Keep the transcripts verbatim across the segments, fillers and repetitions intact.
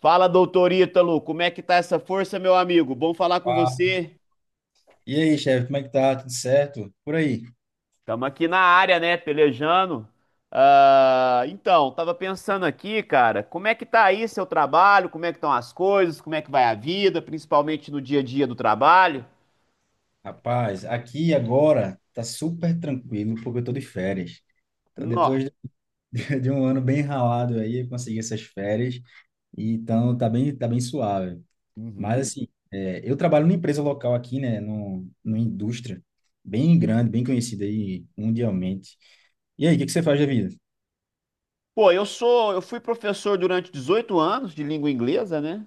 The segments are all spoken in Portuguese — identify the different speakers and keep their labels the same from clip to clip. Speaker 1: Fala, doutor Ítalo, como é que tá essa força, meu amigo? Bom falar com
Speaker 2: Ah,
Speaker 1: você.
Speaker 2: e aí, chefe, como é que tá? Tudo certo? Por aí.
Speaker 1: Estamos aqui na área, né, pelejando. Ah, então, tava pensando aqui, cara, como é que tá aí seu trabalho? Como é que estão as coisas? Como é que vai a vida, principalmente no dia a dia do trabalho?
Speaker 2: Rapaz, aqui agora tá super tranquilo porque eu tô de férias. Então,
Speaker 1: Nó.
Speaker 2: depois de de um ano bem ralado aí, eu consegui essas férias. E, então, tá bem, tá bem suave.
Speaker 1: Uhum.
Speaker 2: Mas, assim, é, eu trabalho numa empresa local aqui, né? no, numa indústria bem grande, bem conhecida aí mundialmente. E aí, o que que você faz da vida?
Speaker 1: Pô, eu sou, eu fui professor durante dezoito anos de língua inglesa, né?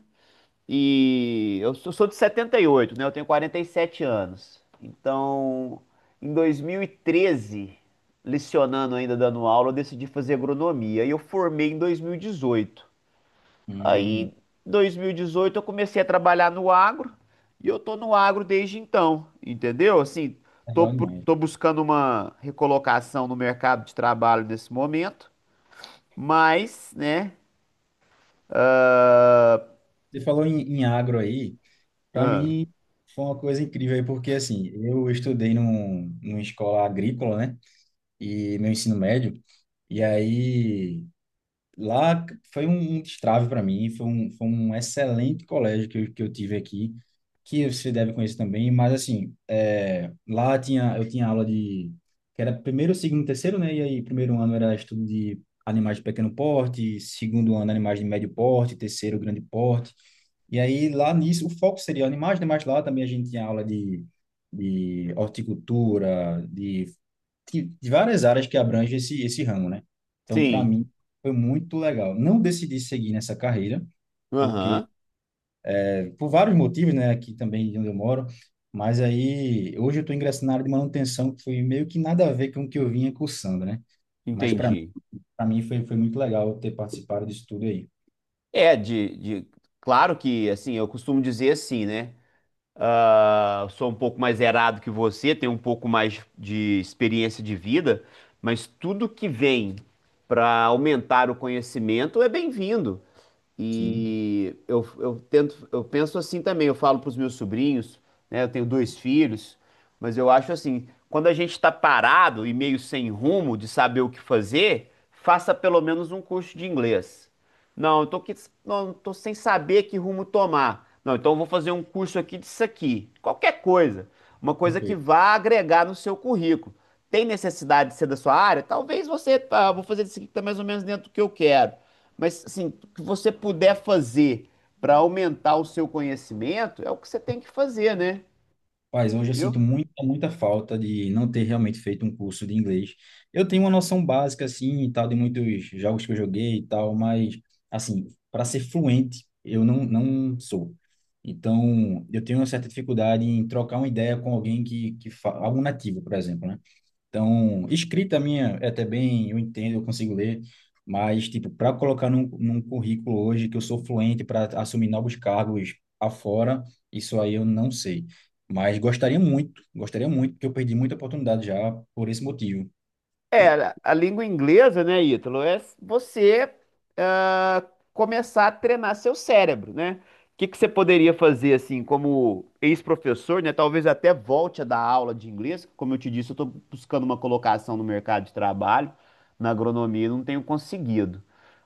Speaker 1: E eu sou sou de setenta e oito, né? Eu tenho quarenta e sete anos. Então, em dois mil e treze, lecionando ainda, dando aula, eu decidi fazer agronomia. E eu formei em dois mil e dezoito. Aí, em
Speaker 2: Hum,
Speaker 1: dois mil e dezoito eu comecei a trabalhar no agro. E eu tô no agro desde então, entendeu? Assim, tô,
Speaker 2: legal demais.
Speaker 1: tô buscando uma recolocação no mercado de trabalho nesse momento. Mas, né?
Speaker 2: Você falou em, em agro aí. Para
Speaker 1: ah,
Speaker 2: mim, foi uma coisa incrível aí, porque assim, eu estudei num, numa escola agrícola, né? E meu ensino médio, e aí lá foi um, um destrave para mim, foi um, foi um excelente colégio que eu, que eu tive aqui, que você deve conhecer também, mas assim, é, lá tinha, eu tinha aula de, que era primeiro, segundo, terceiro, né? E aí, primeiro ano era estudo de animais de pequeno porte, segundo ano animais de médio porte, terceiro grande porte, e aí, lá nisso, o foco seria animais, né? Mas lá também a gente tinha aula de, de horticultura, de, de, de várias áreas que abrangem esse, esse ramo, né? Então, para
Speaker 1: sim.
Speaker 2: mim, foi muito legal. Não decidi seguir nessa carreira, porque,
Speaker 1: Aham.
Speaker 2: eh, por vários motivos, né? Aqui também de onde eu moro. Mas aí, hoje eu estou ingressando na área de manutenção, que foi meio que nada a ver com o que eu vinha cursando, né? Mas para mim,
Speaker 1: Entendi.
Speaker 2: para mim foi, foi muito legal ter participado disso tudo aí.
Speaker 1: É. de, de- Claro que, assim, eu costumo dizer assim, né? Ah, sou um pouco mais errado que você, tenho um pouco mais de experiência de vida, mas tudo que vem para aumentar o conhecimento é bem-vindo.
Speaker 2: Sim,
Speaker 1: E eu, eu tento, eu penso assim também, eu falo para os meus sobrinhos, né? Eu tenho dois filhos, mas eu acho assim, quando a gente está parado e meio sem rumo de saber o que fazer, faça pelo menos um curso de inglês. Não, eu tô, que, não, tô sem saber que rumo tomar. Não, então eu vou fazer um curso aqui disso aqui. Qualquer coisa. Uma coisa que
Speaker 2: perfeito.
Speaker 1: vá agregar no seu currículo. Tem necessidade de ser da sua área? Talvez você, tá, vou fazer isso aqui que tá mais ou menos dentro do que eu quero. Mas, assim, o que você puder fazer para aumentar o seu conhecimento é o que você tem que fazer, né?
Speaker 2: Mas hoje eu sinto
Speaker 1: Eu
Speaker 2: muita, muita falta de não ter realmente feito um curso de inglês. Eu tenho uma noção básica, assim, e tal, de muitos jogos que eu joguei e tal, mas, assim, para ser fluente, eu não, não sou. Então, eu tenho uma certa dificuldade em trocar uma ideia com alguém que, que fa... algum nativo, por exemplo, né? Então, escrita minha é até bem, eu entendo, eu consigo ler, mas, tipo, para colocar num, num currículo hoje que eu sou fluente para assumir novos cargos afora, isso aí eu não sei. Mas gostaria muito, gostaria muito, porque eu perdi muita oportunidade já por esse motivo.
Speaker 1: É, a língua inglesa, né, Ítalo, é você ah, começar a treinar seu cérebro, né? O que que você poderia fazer, assim, como ex-professor, né? Talvez até volte a dar aula de inglês. Como eu te disse, eu estou buscando uma colocação no mercado de trabalho, na agronomia, e não tenho conseguido.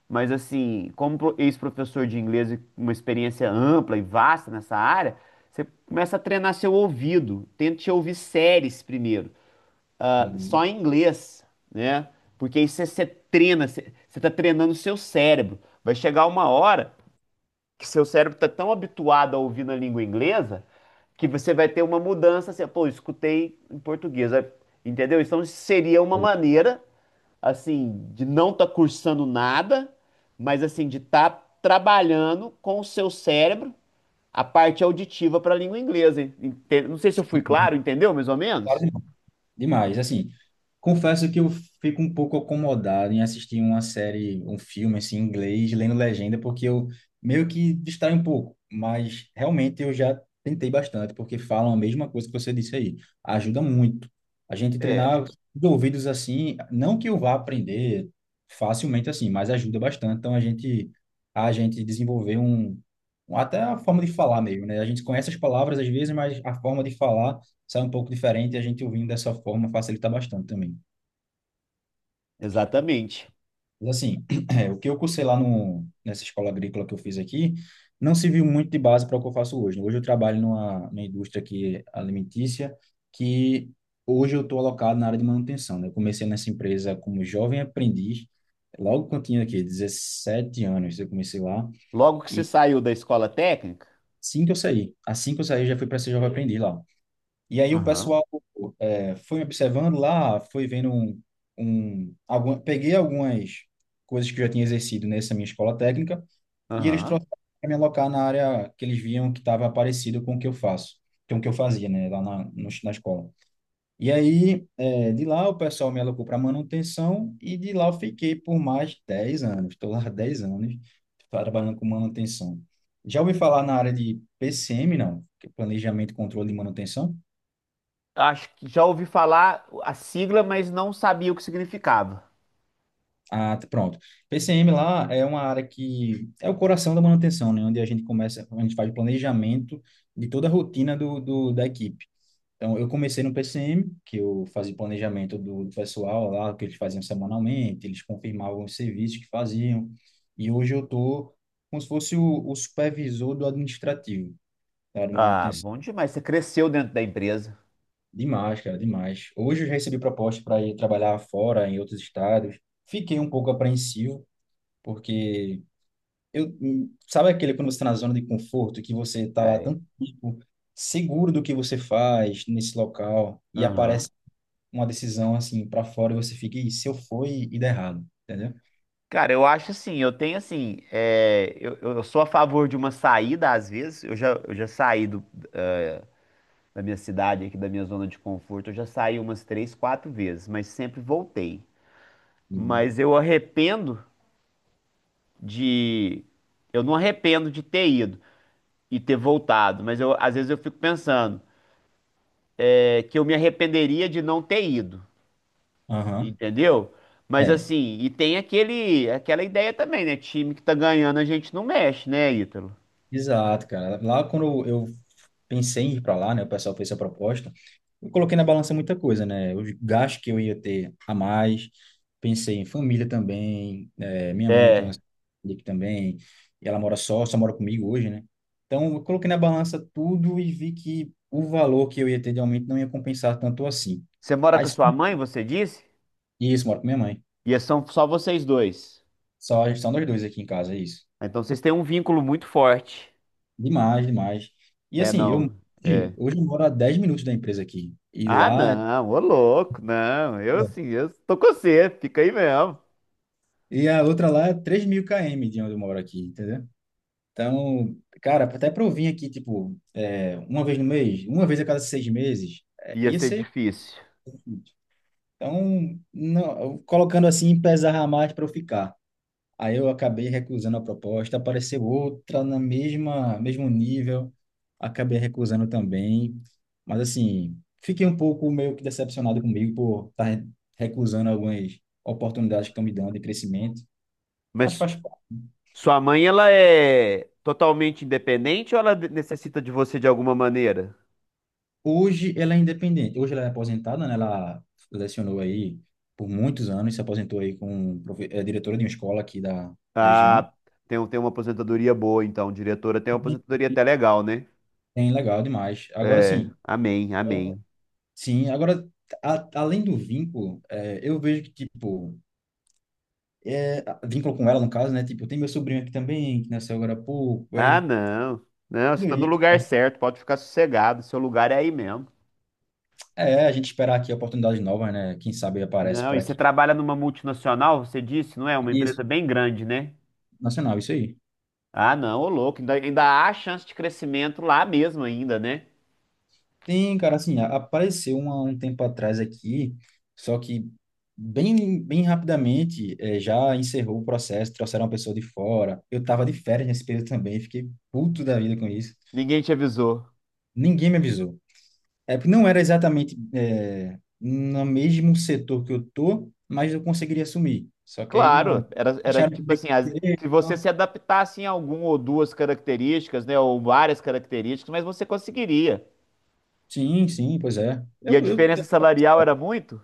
Speaker 1: Mas, assim, como pro- ex-professor de inglês, e uma experiência ampla e vasta nessa área, você começa a treinar seu ouvido. Tente ouvir séries primeiro, ah, só
Speaker 2: Uhum.
Speaker 1: em inglês, né? Porque aí você, você treina, você, você tá treinando o seu cérebro. Vai chegar uma hora que seu cérebro tá tão habituado a ouvir na língua inglesa que você vai ter uma mudança assim, pô, escutei em português, aí- entendeu? Então seria uma
Speaker 2: Olha,
Speaker 1: maneira, assim, de não estar cursando nada, mas assim, de estar trabalhando com o seu cérebro a parte auditiva para a língua inglesa. ente- Não sei se eu fui claro, entendeu? Mais ou menos?
Speaker 2: várias demais, assim, confesso que eu fico um pouco acomodado em assistir uma série, um filme, assim, em inglês, lendo legenda, porque eu meio que distraio um pouco, mas realmente eu já tentei bastante, porque falam a mesma coisa que você disse aí, ajuda muito. A gente
Speaker 1: É,
Speaker 2: treinar de ouvidos assim, não que eu vá aprender facilmente assim, mas ajuda bastante, então a gente, a gente desenvolver um, um- até a forma de falar mesmo, né? A gente conhece as palavras às vezes, mas a forma de falar sai um pouco diferente e a gente ouvindo dessa forma facilita bastante também.
Speaker 1: exatamente.
Speaker 2: Mas assim, é, o que eu cursei lá no, nessa escola agrícola que eu fiz aqui, não se viu muito de base para o que eu faço hoje. Hoje eu trabalho numa, numa indústria que é alimentícia, que hoje eu estou alocado na área de manutenção, né? Eu comecei nessa empresa como jovem aprendiz, logo quando eu tinha aqui dezessete anos, eu comecei lá,
Speaker 1: Logo que você
Speaker 2: e
Speaker 1: saiu da escola técnica,
Speaker 2: assim que eu saí, assim que eu saí, eu já fui para ser jovem aprendiz lá. E aí o
Speaker 1: aham,
Speaker 2: pessoal é, foi me observando lá, foi vendo um, um alguma, peguei algumas coisas que eu já tinha exercido nessa minha escola técnica e eles
Speaker 1: aham.
Speaker 2: trouxeram para me alocar na área que eles viam que estava parecido com o que eu faço, com o que eu fazia, né, lá na, no- na escola. E aí, é, de lá o pessoal me alocou para manutenção e de lá eu fiquei por mais de dez anos. Estou lá há dez anos trabalhando com manutenção. Já ouvi falar na área de P C M, não? Que é Planejamento, Controle e Manutenção?
Speaker 1: Acho que já ouvi falar a sigla, mas não sabia o que significava.
Speaker 2: Ah, pronto. P C M lá é uma área que é o coração da manutenção, né? Onde a gente começa, a gente faz o planejamento de toda a rotina do, do, da equipe. Então, eu comecei no P C M, que eu fazia planejamento do, do pessoal lá, o que eles faziam semanalmente, eles confirmavam os serviços que faziam. E hoje eu tô como se fosse o, o supervisor do administrativo, tá? De
Speaker 1: Ah,
Speaker 2: manutenção.
Speaker 1: bom demais. Você cresceu dentro da empresa.
Speaker 2: Demais, cara, demais. Hoje eu já recebi proposta para ir trabalhar fora, em outros estados. Fiquei um pouco apreensivo, porque Eu, hum, sabe aquele, quando você está na zona de conforto, que você está lá
Speaker 1: É.
Speaker 2: tanto tempo seguro do que você faz nesse local e
Speaker 1: Aham.
Speaker 2: aparece uma decisão assim para fora e você fica: "Ih, se eu for e e der errado", entendeu?
Speaker 1: Cara, eu acho assim, eu tenho assim, é, eu, eu sou a favor de uma saída às vezes, eu já, eu já saí do- da minha cidade aqui, da minha zona de conforto, eu já saí umas três, quatro vezes, mas sempre voltei.
Speaker 2: Uhum.
Speaker 1: Mas eu arrependo de, eu não arrependo de ter ido, e ter voltado. Mas eu, às vezes eu fico pensando é, que eu me arrependeria de não ter ido,
Speaker 2: Aham.
Speaker 1: entendeu? Mas
Speaker 2: É.
Speaker 1: assim, e tem aquele, aquela ideia também, né? Time que tá ganhando, a gente não mexe, né, Ítalo?
Speaker 2: Exato, cara. Lá quando eu pensei em ir para lá, né, o pessoal fez essa proposta, eu coloquei na balança muita coisa, né? Os gastos que eu ia ter a mais, pensei em família também, eh, minha mãe tem uma
Speaker 1: É.
Speaker 2: filha aqui também, e ela mora só, só mora comigo hoje, né? Então, eu coloquei na balança tudo e vi que o valor que eu ia ter de aumento não ia compensar tanto assim.
Speaker 1: Você mora
Speaker 2: Aí,
Speaker 1: com a sua mãe, você disse?
Speaker 2: isso, moro com minha mãe.
Speaker 1: E, é, são só vocês dois.
Speaker 2: Só, só nós dois aqui em casa, é isso.
Speaker 1: Ah, então vocês têm um vínculo muito forte.
Speaker 2: Demais, demais. E
Speaker 1: É,
Speaker 2: assim, eu
Speaker 1: não.
Speaker 2: hoje
Speaker 1: É.
Speaker 2: hoje eu moro a dez minutos da empresa aqui. E
Speaker 1: Ah,
Speaker 2: lá é-
Speaker 1: não, ô louco, não. Eu sim, eu tô com você, fica aí mesmo.
Speaker 2: e a outra lá é três mil quilômetros de onde eu moro aqui, entendeu? Então, cara, até para eu vir aqui, tipo, é, uma vez no mês, uma vez a cada seis meses, é,
Speaker 1: Ia
Speaker 2: ia
Speaker 1: ser
Speaker 2: ser
Speaker 1: difícil.
Speaker 2: difícil. Então, não, eu- colocando assim, pesar mais para eu ficar. Aí eu acabei recusando a proposta, apareceu outra na mesma, mesmo nível, acabei recusando também. Mas assim, fiquei um pouco meio que decepcionado comigo por estar recusando algumas oportunidades que estão me dando de crescimento, mas
Speaker 1: Mas
Speaker 2: faz parte.
Speaker 1: sua mãe, ela é totalmente independente ou ela de- necessita de você de alguma maneira?
Speaker 2: Hoje ela é independente, hoje ela é aposentada, né? Ela lecionou aí por muitos anos, se aposentou aí com um profe- é, diretora de uma escola aqui da, da região.
Speaker 1: Ah, tem, um- tem uma aposentadoria boa, então. Diretora tem uma aposentadoria até legal, né?
Speaker 2: Bem legal demais. Agora
Speaker 1: É,
Speaker 2: sim.
Speaker 1: amém, amém.
Speaker 2: Sim, agora, a- além do vínculo, é, eu vejo que, tipo, é, vínculo com ela, no caso, né? Tipo, tem meu sobrinho aqui também, que nasceu agora há pouco,
Speaker 1: Ah,
Speaker 2: aí,
Speaker 1: não. Não, você
Speaker 2: e
Speaker 1: tá no
Speaker 2: aí,
Speaker 1: lugar certo, pode ficar sossegado, seu lugar é aí mesmo.
Speaker 2: é, a gente esperar aqui oportunidades novas, né? Quem sabe aparece
Speaker 1: Não,
Speaker 2: por
Speaker 1: e você
Speaker 2: aqui.
Speaker 1: trabalha numa multinacional, você disse, não é? Uma
Speaker 2: Isso,
Speaker 1: empresa bem grande, né?
Speaker 2: nacional, isso aí.
Speaker 1: Ah, não, ô louco, ainda, ainda há chance de crescimento lá mesmo ainda, né?
Speaker 2: Tem, cara, assim, a- apareceu uma, um tempo atrás aqui, só que bem, bem rapidamente é, já encerrou o processo, trouxeram uma pessoa de fora. Eu tava de férias nesse período também, fiquei puto da vida com isso.
Speaker 1: Ninguém te avisou.
Speaker 2: Ninguém me avisou. É porque não era exatamente é, no mesmo setor que eu tô, mas eu conseguiria assumir. Só que aí
Speaker 1: Claro,
Speaker 2: não
Speaker 1: era, era
Speaker 2: acharam
Speaker 1: tipo
Speaker 2: comigo
Speaker 1: assim, as-
Speaker 2: direito,
Speaker 1: se você
Speaker 2: tá?
Speaker 1: se adaptasse em algum ou duas características, né, ou várias características, mas você conseguiria.
Speaker 2: Sim, sim, pois é.
Speaker 1: E a
Speaker 2: Eu, eu,
Speaker 1: diferença salarial era muito?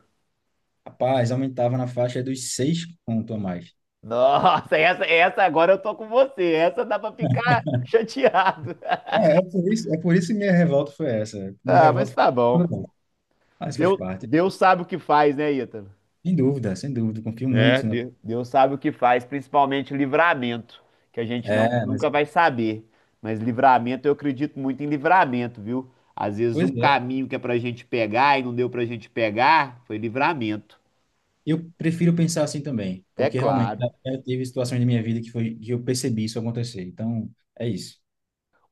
Speaker 2: rapaz, aumentava na faixa dos seis conto a mais.
Speaker 1: Nossa, essa, essa agora eu tô com você. Essa dá pra ficar chateado.
Speaker 2: É, é por isso, é por isso que minha revolta foi essa. Minha
Speaker 1: Ah, mas
Speaker 2: revolta
Speaker 1: tá
Speaker 2: foi.
Speaker 1: bom.
Speaker 2: Mas faz
Speaker 1: Deus,
Speaker 2: parte.
Speaker 1: Deus sabe o que faz, né, Ítalo?
Speaker 2: Sem dúvida, sem dúvida. Confio muito na.
Speaker 1: De- Deus sabe o que faz, principalmente livramento, que a gente não,
Speaker 2: É, mas.
Speaker 1: nunca vai saber. Mas livramento, eu acredito muito em livramento, viu? Às vezes
Speaker 2: Pois
Speaker 1: um
Speaker 2: é.
Speaker 1: caminho que é pra gente pegar e não deu pra gente pegar, foi livramento.
Speaker 2: Eu prefiro pensar assim também,
Speaker 1: É
Speaker 2: porque realmente
Speaker 1: claro.
Speaker 2: já já teve situações da minha vida que foi que eu percebi isso acontecer. Então, é isso.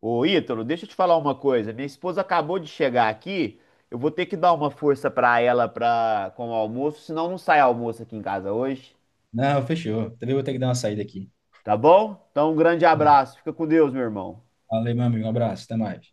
Speaker 1: Ô, Ítalo, deixa eu te falar uma coisa. Minha esposa acabou de chegar aqui. Eu vou ter que dar uma força pra ela pra, com o almoço, senão não sai almoço aqui em casa hoje.
Speaker 2: Não, fechou. Também vou ter que dar uma saída aqui.
Speaker 1: Tá bom? Então, um grande abraço. Fica com Deus, meu irmão.
Speaker 2: Valeu, meu amigo. Um abraço. Até mais.